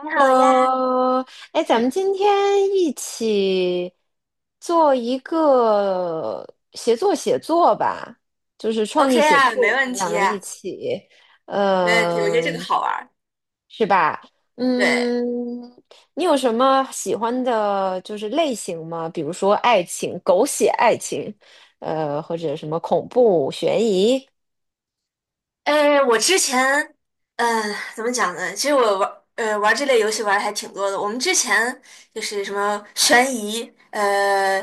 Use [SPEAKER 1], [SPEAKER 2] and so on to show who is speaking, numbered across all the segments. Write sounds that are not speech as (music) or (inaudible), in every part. [SPEAKER 1] 你好呀，
[SPEAKER 2] 哎，咱
[SPEAKER 1] 嗯
[SPEAKER 2] 们今天一起做一个协作写作吧，就是创
[SPEAKER 1] ，OK
[SPEAKER 2] 意写
[SPEAKER 1] 啊，没
[SPEAKER 2] 作，咱
[SPEAKER 1] 问
[SPEAKER 2] 们两
[SPEAKER 1] 题
[SPEAKER 2] 个一
[SPEAKER 1] 呀，
[SPEAKER 2] 起，
[SPEAKER 1] 没问题，我觉得这个
[SPEAKER 2] 嗯。
[SPEAKER 1] 好玩儿。
[SPEAKER 2] 是吧？
[SPEAKER 1] 对，
[SPEAKER 2] 嗯，你有什么喜欢的，就是类型吗？比如说爱情、狗血爱情，或者什么恐怖、悬疑
[SPEAKER 1] 哎，我之前，怎么讲呢？其实我玩，玩这类游戏玩的还挺多的。我们之前就是什么悬疑，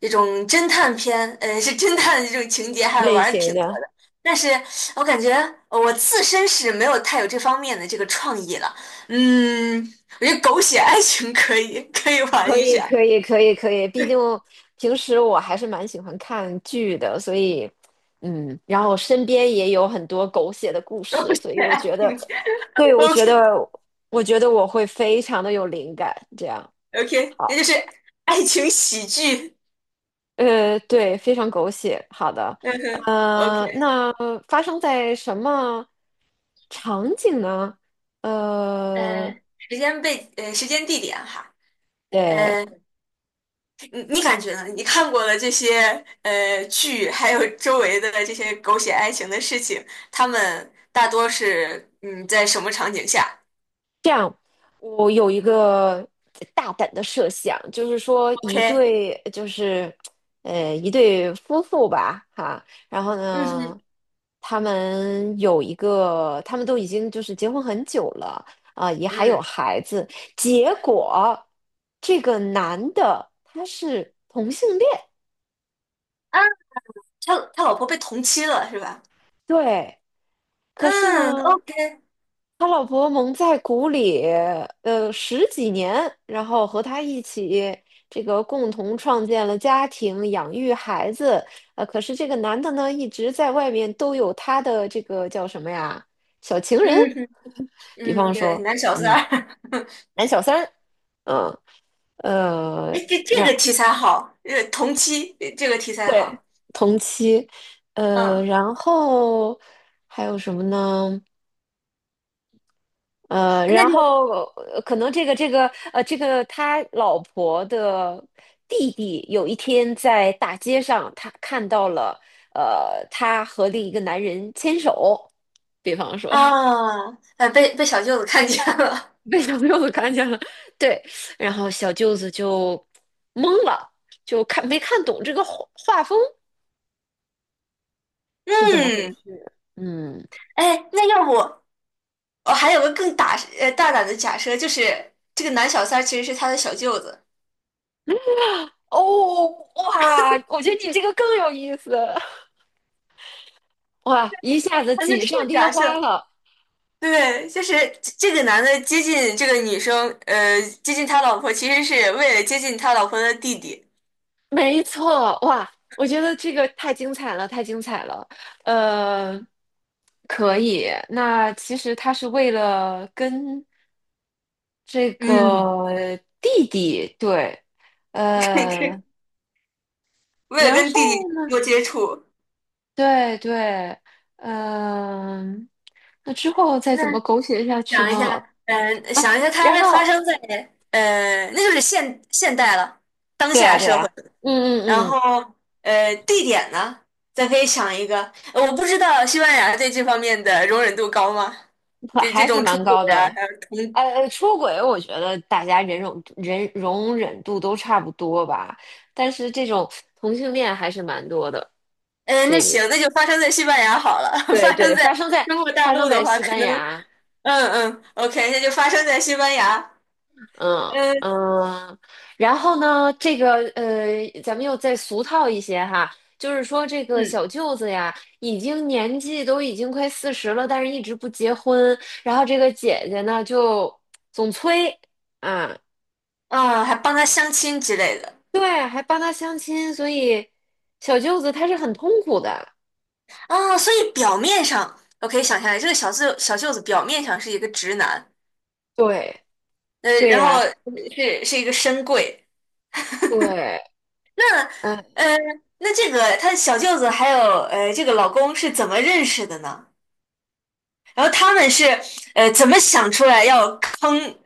[SPEAKER 1] 这种侦探片，是侦探的这种情节，还
[SPEAKER 2] 类
[SPEAKER 1] 玩的
[SPEAKER 2] 型
[SPEAKER 1] 挺多
[SPEAKER 2] 的？
[SPEAKER 1] 的。但是我感觉我自身是没有太有这方面的这个创意了。嗯，我觉得狗血爱情可以，可以玩
[SPEAKER 2] 可
[SPEAKER 1] 一
[SPEAKER 2] 以，
[SPEAKER 1] 下。
[SPEAKER 2] 可以，可以，可以。毕竟平时我还是蛮喜欢看剧的，所以，嗯，然后身边也有很多狗血的故
[SPEAKER 1] (laughs) 狗
[SPEAKER 2] 事，
[SPEAKER 1] 血
[SPEAKER 2] 所以我
[SPEAKER 1] 爱
[SPEAKER 2] 觉
[SPEAKER 1] 情
[SPEAKER 2] 得，对，
[SPEAKER 1] (laughs)
[SPEAKER 2] 我觉得，
[SPEAKER 1] ，OK。
[SPEAKER 2] 我觉得我会非常的有灵感。这样，
[SPEAKER 1] OK，这
[SPEAKER 2] 好，
[SPEAKER 1] 就是爱情喜剧。
[SPEAKER 2] 对，非常狗血。好的，
[SPEAKER 1] 嗯哼，OK，
[SPEAKER 2] 那发生在什么场景呢？呃，
[SPEAKER 1] 时间地点哈，
[SPEAKER 2] 对。
[SPEAKER 1] 呃，你感觉呢？你看过的这些剧，还有周围的这些狗血爱情的事情，他们大多是在什么场景下
[SPEAKER 2] 这样，我有一个大胆的设想，就是说一
[SPEAKER 1] ？OK，
[SPEAKER 2] 对，就是一对夫妇吧，哈，然后
[SPEAKER 1] 嗯
[SPEAKER 2] 呢，
[SPEAKER 1] 哼，
[SPEAKER 2] 他们有一个，他们都已经就是结婚很久了，啊，也还有
[SPEAKER 1] 嗯。
[SPEAKER 2] 孩子，结果这个男的他是同性恋。
[SPEAKER 1] 啊，他老婆被同妻了是吧？
[SPEAKER 2] 对，可是
[SPEAKER 1] 嗯
[SPEAKER 2] 呢，
[SPEAKER 1] ，OK，
[SPEAKER 2] 他老婆蒙在鼓里，十几年，然后和他一起这个共同创建了家庭，养育孩子。可是这个男的呢，一直在外面都有他的这个叫什么呀，小情人，
[SPEAKER 1] 嗯哼，
[SPEAKER 2] (laughs) 比
[SPEAKER 1] 嗯，
[SPEAKER 2] 方
[SPEAKER 1] 对，
[SPEAKER 2] 说，
[SPEAKER 1] 男小三
[SPEAKER 2] 嗯，
[SPEAKER 1] 儿，(laughs)
[SPEAKER 2] 男小三儿嗯，呃，
[SPEAKER 1] 哎，这这
[SPEAKER 2] 然
[SPEAKER 1] 个题材好，同妻这个题材
[SPEAKER 2] 对，
[SPEAKER 1] 好。
[SPEAKER 2] 同期，
[SPEAKER 1] 嗯，
[SPEAKER 2] 然后还有什么呢？
[SPEAKER 1] 那
[SPEAKER 2] 然
[SPEAKER 1] 就。
[SPEAKER 2] 后可能这个这个他老婆的弟弟有一天在大街上，他看到了他和另一个男人牵手，比方说 (laughs)
[SPEAKER 1] 啊，被小舅子看见了。
[SPEAKER 2] 被小舅子看见了，对，然后小舅子就懵了，就看没看懂这个画风
[SPEAKER 1] (laughs)
[SPEAKER 2] 是怎么回
[SPEAKER 1] 嗯，
[SPEAKER 2] 事。嗯，
[SPEAKER 1] 哎，那要不我还有个更大大胆的假设，就是这个男小三儿其实是他的小舅子。
[SPEAKER 2] 哦，哇，我觉得你这个更有意思，(laughs) 哇，一下子
[SPEAKER 1] 啊，就这
[SPEAKER 2] 锦上
[SPEAKER 1] 个
[SPEAKER 2] 添
[SPEAKER 1] 假设，
[SPEAKER 2] 花了。
[SPEAKER 1] 对，就是这个男的接近这个女生，接近他老婆，其实是为了接近他老婆的弟弟，
[SPEAKER 2] 没错，哇，我觉得这个太精彩了，太精彩了。呃，可以。那其实他是为了跟这
[SPEAKER 1] 嗯。
[SPEAKER 2] 个弟弟，对，
[SPEAKER 1] (laughs)
[SPEAKER 2] 呃，
[SPEAKER 1] 为了
[SPEAKER 2] 然
[SPEAKER 1] 跟弟
[SPEAKER 2] 后
[SPEAKER 1] 弟
[SPEAKER 2] 呢，
[SPEAKER 1] 多接触。
[SPEAKER 2] 对对，嗯，那之后再
[SPEAKER 1] 那
[SPEAKER 2] 怎么狗血下去
[SPEAKER 1] 想一
[SPEAKER 2] 呢？
[SPEAKER 1] 下，
[SPEAKER 2] 啊，
[SPEAKER 1] 想一下，
[SPEAKER 2] 然
[SPEAKER 1] 他发
[SPEAKER 2] 后，
[SPEAKER 1] 生在那就是现代了，当
[SPEAKER 2] 对呀，
[SPEAKER 1] 下
[SPEAKER 2] 对
[SPEAKER 1] 社会。
[SPEAKER 2] 呀，嗯
[SPEAKER 1] 然
[SPEAKER 2] 嗯
[SPEAKER 1] 后地点呢，咱可以想一个，我不知道西班牙对这方面的容忍度高吗？
[SPEAKER 2] 嗯，
[SPEAKER 1] 就这
[SPEAKER 2] 还是
[SPEAKER 1] 种出
[SPEAKER 2] 蛮
[SPEAKER 1] 轨
[SPEAKER 2] 高
[SPEAKER 1] 啊，
[SPEAKER 2] 的。
[SPEAKER 1] 还有同，
[SPEAKER 2] 哎出轨，我觉得大家忍容忍容忍度都差不多吧，但是这种同性恋还是蛮多的。
[SPEAKER 1] 那
[SPEAKER 2] 这一
[SPEAKER 1] 行，
[SPEAKER 2] 面
[SPEAKER 1] 那就发生在西班牙好了。(laughs)
[SPEAKER 2] 对
[SPEAKER 1] 发
[SPEAKER 2] 对，
[SPEAKER 1] 生在
[SPEAKER 2] 发生在
[SPEAKER 1] 中国大
[SPEAKER 2] 发生
[SPEAKER 1] 陆的
[SPEAKER 2] 在
[SPEAKER 1] 话，
[SPEAKER 2] 西
[SPEAKER 1] 可
[SPEAKER 2] 班
[SPEAKER 1] 能，
[SPEAKER 2] 牙，
[SPEAKER 1] 嗯嗯，OK，那就发生在西班牙。
[SPEAKER 2] 嗯
[SPEAKER 1] 嗯
[SPEAKER 2] 嗯，然后呢，这个咱们又再俗套一些哈，就是说这个
[SPEAKER 1] 嗯。
[SPEAKER 2] 小舅子呀，年纪都已经快40了，但是一直不结婚，然后这个姐姐呢就总催，啊，
[SPEAKER 1] 啊，还帮他相亲之类的。
[SPEAKER 2] 对，还帮他相亲，所以小舅子他是很痛苦的。
[SPEAKER 1] 啊，所以表面上我可以想象，这个小舅子表面上是一个直男，
[SPEAKER 2] 对，对
[SPEAKER 1] 然后
[SPEAKER 2] 呀，
[SPEAKER 1] 是一个深柜。
[SPEAKER 2] 对，嗯。
[SPEAKER 1] 呃，那这个他小舅子还有这个老公是怎么认识的呢？然后他们是怎么想出来要坑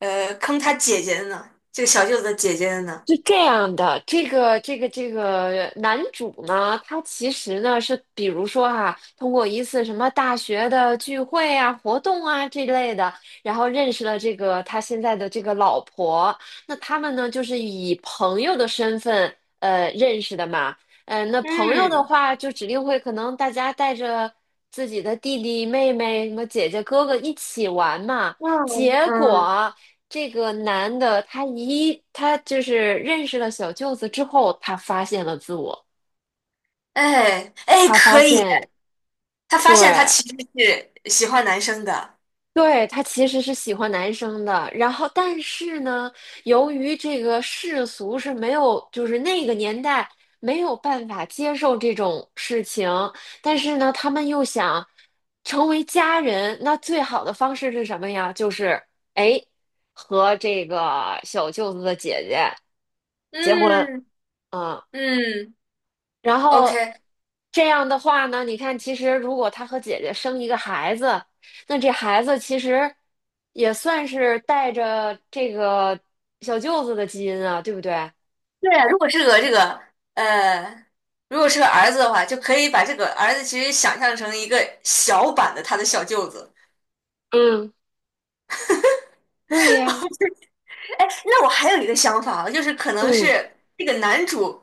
[SPEAKER 1] 坑他姐姐的呢？这个小舅子的姐姐的呢？
[SPEAKER 2] 是这样的，这个男主呢，他其实呢是，比如说哈，通过一次什么大学的聚会啊、活动啊这类的，然后认识了这个他现在的这个老婆。那他们呢，就是以朋友的身份认识的嘛。嗯，那朋友的
[SPEAKER 1] 嗯
[SPEAKER 2] 话，就指定会可能大家带着自己的弟弟、妹妹、什么姐姐、哥哥一起玩嘛。
[SPEAKER 1] 嗯
[SPEAKER 2] 结
[SPEAKER 1] 嗯，
[SPEAKER 2] 果。这个男的，他就是认识了小舅子之后，他发现了自我，
[SPEAKER 1] 哎哎，
[SPEAKER 2] 他发
[SPEAKER 1] 可以，
[SPEAKER 2] 现，
[SPEAKER 1] 他发
[SPEAKER 2] 对，
[SPEAKER 1] 现他其实是喜欢男生的。
[SPEAKER 2] 对，她其实是喜欢男生的，然后但是呢，由于这个世俗是没有，就是那个年代没有办法接受这种事情，但是呢，他们又想成为家人，那最好的方式是什么呀？就是哎，和这个小舅子的姐姐结婚，
[SPEAKER 1] 嗯
[SPEAKER 2] 嗯。
[SPEAKER 1] 嗯
[SPEAKER 2] 然后
[SPEAKER 1] ，OK，
[SPEAKER 2] 这样的话呢，你看，其实如果他和姐姐生一个孩子，那这孩子其实也算是带着这个小舅子的基因啊，对不对？
[SPEAKER 1] 对啊，如果是个这个呃，如果是个儿子的话，就可以把这个儿子其实想象成一个小版的他的小舅子。
[SPEAKER 2] 嗯，对呀。
[SPEAKER 1] 哎，那我还有一个想法啊，就是可能
[SPEAKER 2] 嗯
[SPEAKER 1] 是这个男主，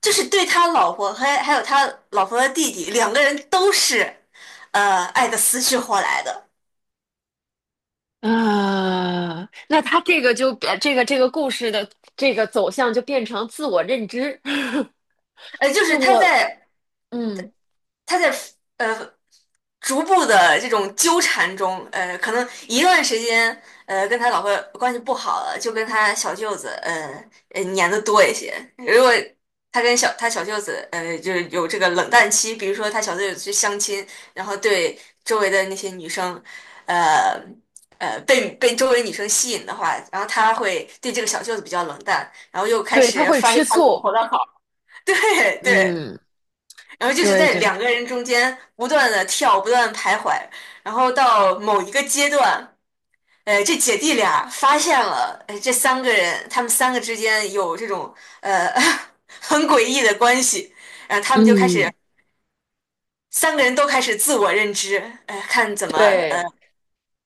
[SPEAKER 1] 就是对他老婆还有他老婆的弟弟两个人都是，爱的死去活来的。
[SPEAKER 2] 啊，那他这个就变这个故事的这个走向就变成自我认知，(laughs)
[SPEAKER 1] 就
[SPEAKER 2] 就
[SPEAKER 1] 是他
[SPEAKER 2] 我
[SPEAKER 1] 在
[SPEAKER 2] 嗯，
[SPEAKER 1] 他在呃逐步的这种纠缠中，可能一段时间，跟他老婆关系不好了，就跟他小舅子，粘的多一些。如果他跟他小舅子，就是有这个冷淡期，比如说他小舅子去相亲，然后对周围的那些女生，呃，被周围女生吸引的话，然后他会对这个小舅子比较冷淡，然后又开
[SPEAKER 2] 对，他
[SPEAKER 1] 始
[SPEAKER 2] 会
[SPEAKER 1] 发现
[SPEAKER 2] 吃
[SPEAKER 1] 他老
[SPEAKER 2] 醋，
[SPEAKER 1] 婆的好，(laughs) 对对。
[SPEAKER 2] 嗯，
[SPEAKER 1] 然后就是
[SPEAKER 2] 对
[SPEAKER 1] 在
[SPEAKER 2] 对，
[SPEAKER 1] 两个人中间不断的跳，不断地徘徊，然后到某一个阶段，这姐弟俩发现了，这三个人他们三个之间有这种呃 (laughs) 很诡异的关系，然后他们就开始
[SPEAKER 2] 嗯
[SPEAKER 1] 三个人都开始自我认知，看怎么呃
[SPEAKER 2] 对，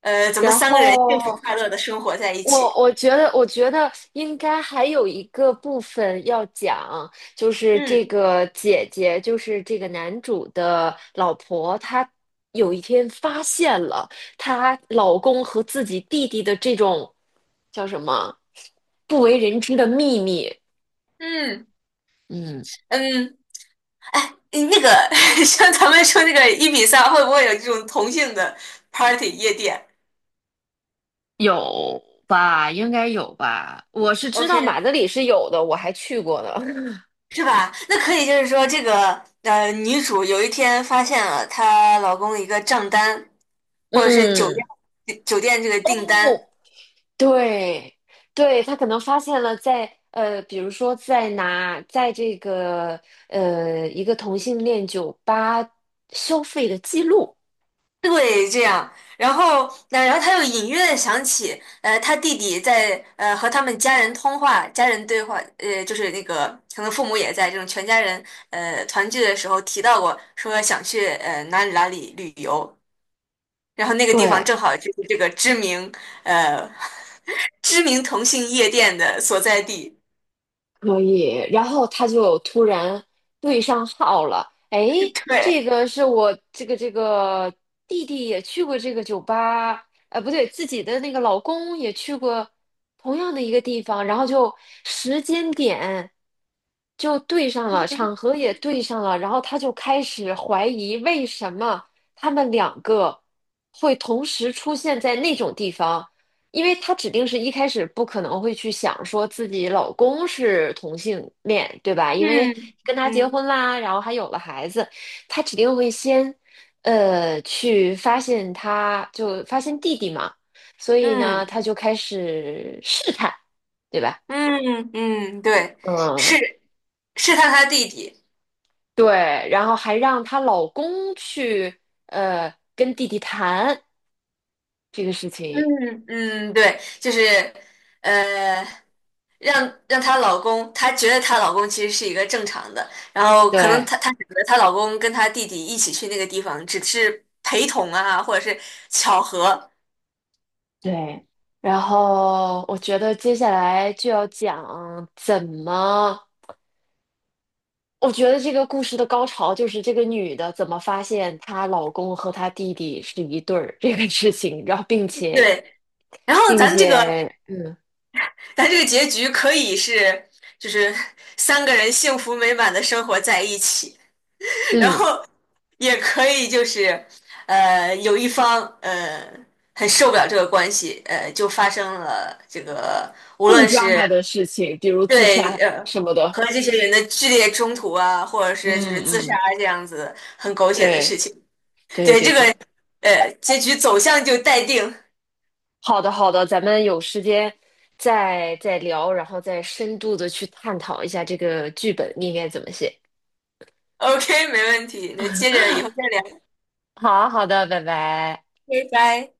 [SPEAKER 1] 怎么
[SPEAKER 2] 然
[SPEAKER 1] 三个人
[SPEAKER 2] 后
[SPEAKER 1] 幸福快乐的生活在一
[SPEAKER 2] 我
[SPEAKER 1] 起。
[SPEAKER 2] 我觉得，我觉得应该还有一个部分要讲，就是这
[SPEAKER 1] 嗯
[SPEAKER 2] 个姐姐，就是这个男主的老婆，她有一天发现了她老公和自己弟弟的这种叫什么不为人知的秘密。
[SPEAKER 1] 嗯
[SPEAKER 2] 嗯，
[SPEAKER 1] 嗯，哎，那个 (laughs) 像咱们说那个一比三，会不会有这种同性的 party 夜店
[SPEAKER 2] 有吧？应该有吧？我是知道马
[SPEAKER 1] ？OK，
[SPEAKER 2] 德里是有的，我还去过呢。
[SPEAKER 1] 是吧？那可以，就是说，这个女主有一天发现了她老公一个账单，
[SPEAKER 2] (laughs)
[SPEAKER 1] 或者是酒店
[SPEAKER 2] 嗯。
[SPEAKER 1] 酒店这个订单，
[SPEAKER 2] 哦。对，对，他可能发现了在，比如说在拿在这个一个同性恋酒吧消费的记录，
[SPEAKER 1] 对，这样。然后，那然后她又隐约的想起，她弟弟在和他们家人通话，家人对话，就是那个可能父母也在这种全家人团聚的时候提到过，说想去哪里哪里旅游。然后那个地方
[SPEAKER 2] 对
[SPEAKER 1] 正好就是这个知名呃 (laughs) 知名同性夜店的所在地。
[SPEAKER 2] 可以，然后他就突然对上号了。哎，这
[SPEAKER 1] 对，
[SPEAKER 2] 个是我这个弟弟也去过这个酒吧，不对，自己的那个老公也去过同样的一个地方，然后就时间点就对上了，场合也对上了，然后他就开始怀疑为什么他们两个会同时出现在那种地方。因为她指定是一开始不可能会去想说自己老公是同性恋，对吧？因为
[SPEAKER 1] 嗯
[SPEAKER 2] 跟他结
[SPEAKER 1] 嗯
[SPEAKER 2] 婚啦，然后还有了孩子，她指定会先，去发现他就发现弟弟嘛，所以呢，
[SPEAKER 1] 嗯
[SPEAKER 2] 她就开始试探，对吧？
[SPEAKER 1] 嗯嗯，对，
[SPEAKER 2] 嗯，
[SPEAKER 1] 是他弟弟。
[SPEAKER 2] 对，然后还让她老公去，跟弟弟谈这个事情，
[SPEAKER 1] 嗯嗯，对，就是呃，让让她老公，她觉得她老公其实是一个正常的，然后可能
[SPEAKER 2] 对。
[SPEAKER 1] 她选择她老公跟她弟弟一起去那个地方，只是陪同啊，或者是巧合。
[SPEAKER 2] 对，然后我觉得接下来就要讲怎么，我觉得这个故事的高潮就是这个女的怎么发现她老公和她弟弟是一对儿这个事情，然后并且
[SPEAKER 1] 对，然后
[SPEAKER 2] 并
[SPEAKER 1] 咱这
[SPEAKER 2] 且
[SPEAKER 1] 个。
[SPEAKER 2] 嗯
[SPEAKER 1] 但这个结局可以是，就是 (laughs) 三个人幸福美满的生活在一起，(laughs) 然
[SPEAKER 2] 嗯
[SPEAKER 1] 后也可以就是，有一方很受不了这个关系，就发生了这个，无
[SPEAKER 2] 更
[SPEAKER 1] 论是
[SPEAKER 2] drama 的事情，比如自
[SPEAKER 1] 对
[SPEAKER 2] 杀什么的。
[SPEAKER 1] 和这些人的剧烈冲突啊，或者
[SPEAKER 2] 嗯
[SPEAKER 1] 是就是自杀
[SPEAKER 2] 嗯，
[SPEAKER 1] 这样子很狗血的事
[SPEAKER 2] 对
[SPEAKER 1] 情，
[SPEAKER 2] 对
[SPEAKER 1] 对
[SPEAKER 2] 对
[SPEAKER 1] 这个
[SPEAKER 2] 对，
[SPEAKER 1] 结局走向就待定。
[SPEAKER 2] 好的好的，咱们有时间再聊，然后再深度的去探讨一下这个剧本应该怎么写。
[SPEAKER 1] OK，没问题，那接着以后再聊，
[SPEAKER 2] 好好的，拜拜。
[SPEAKER 1] 拜拜。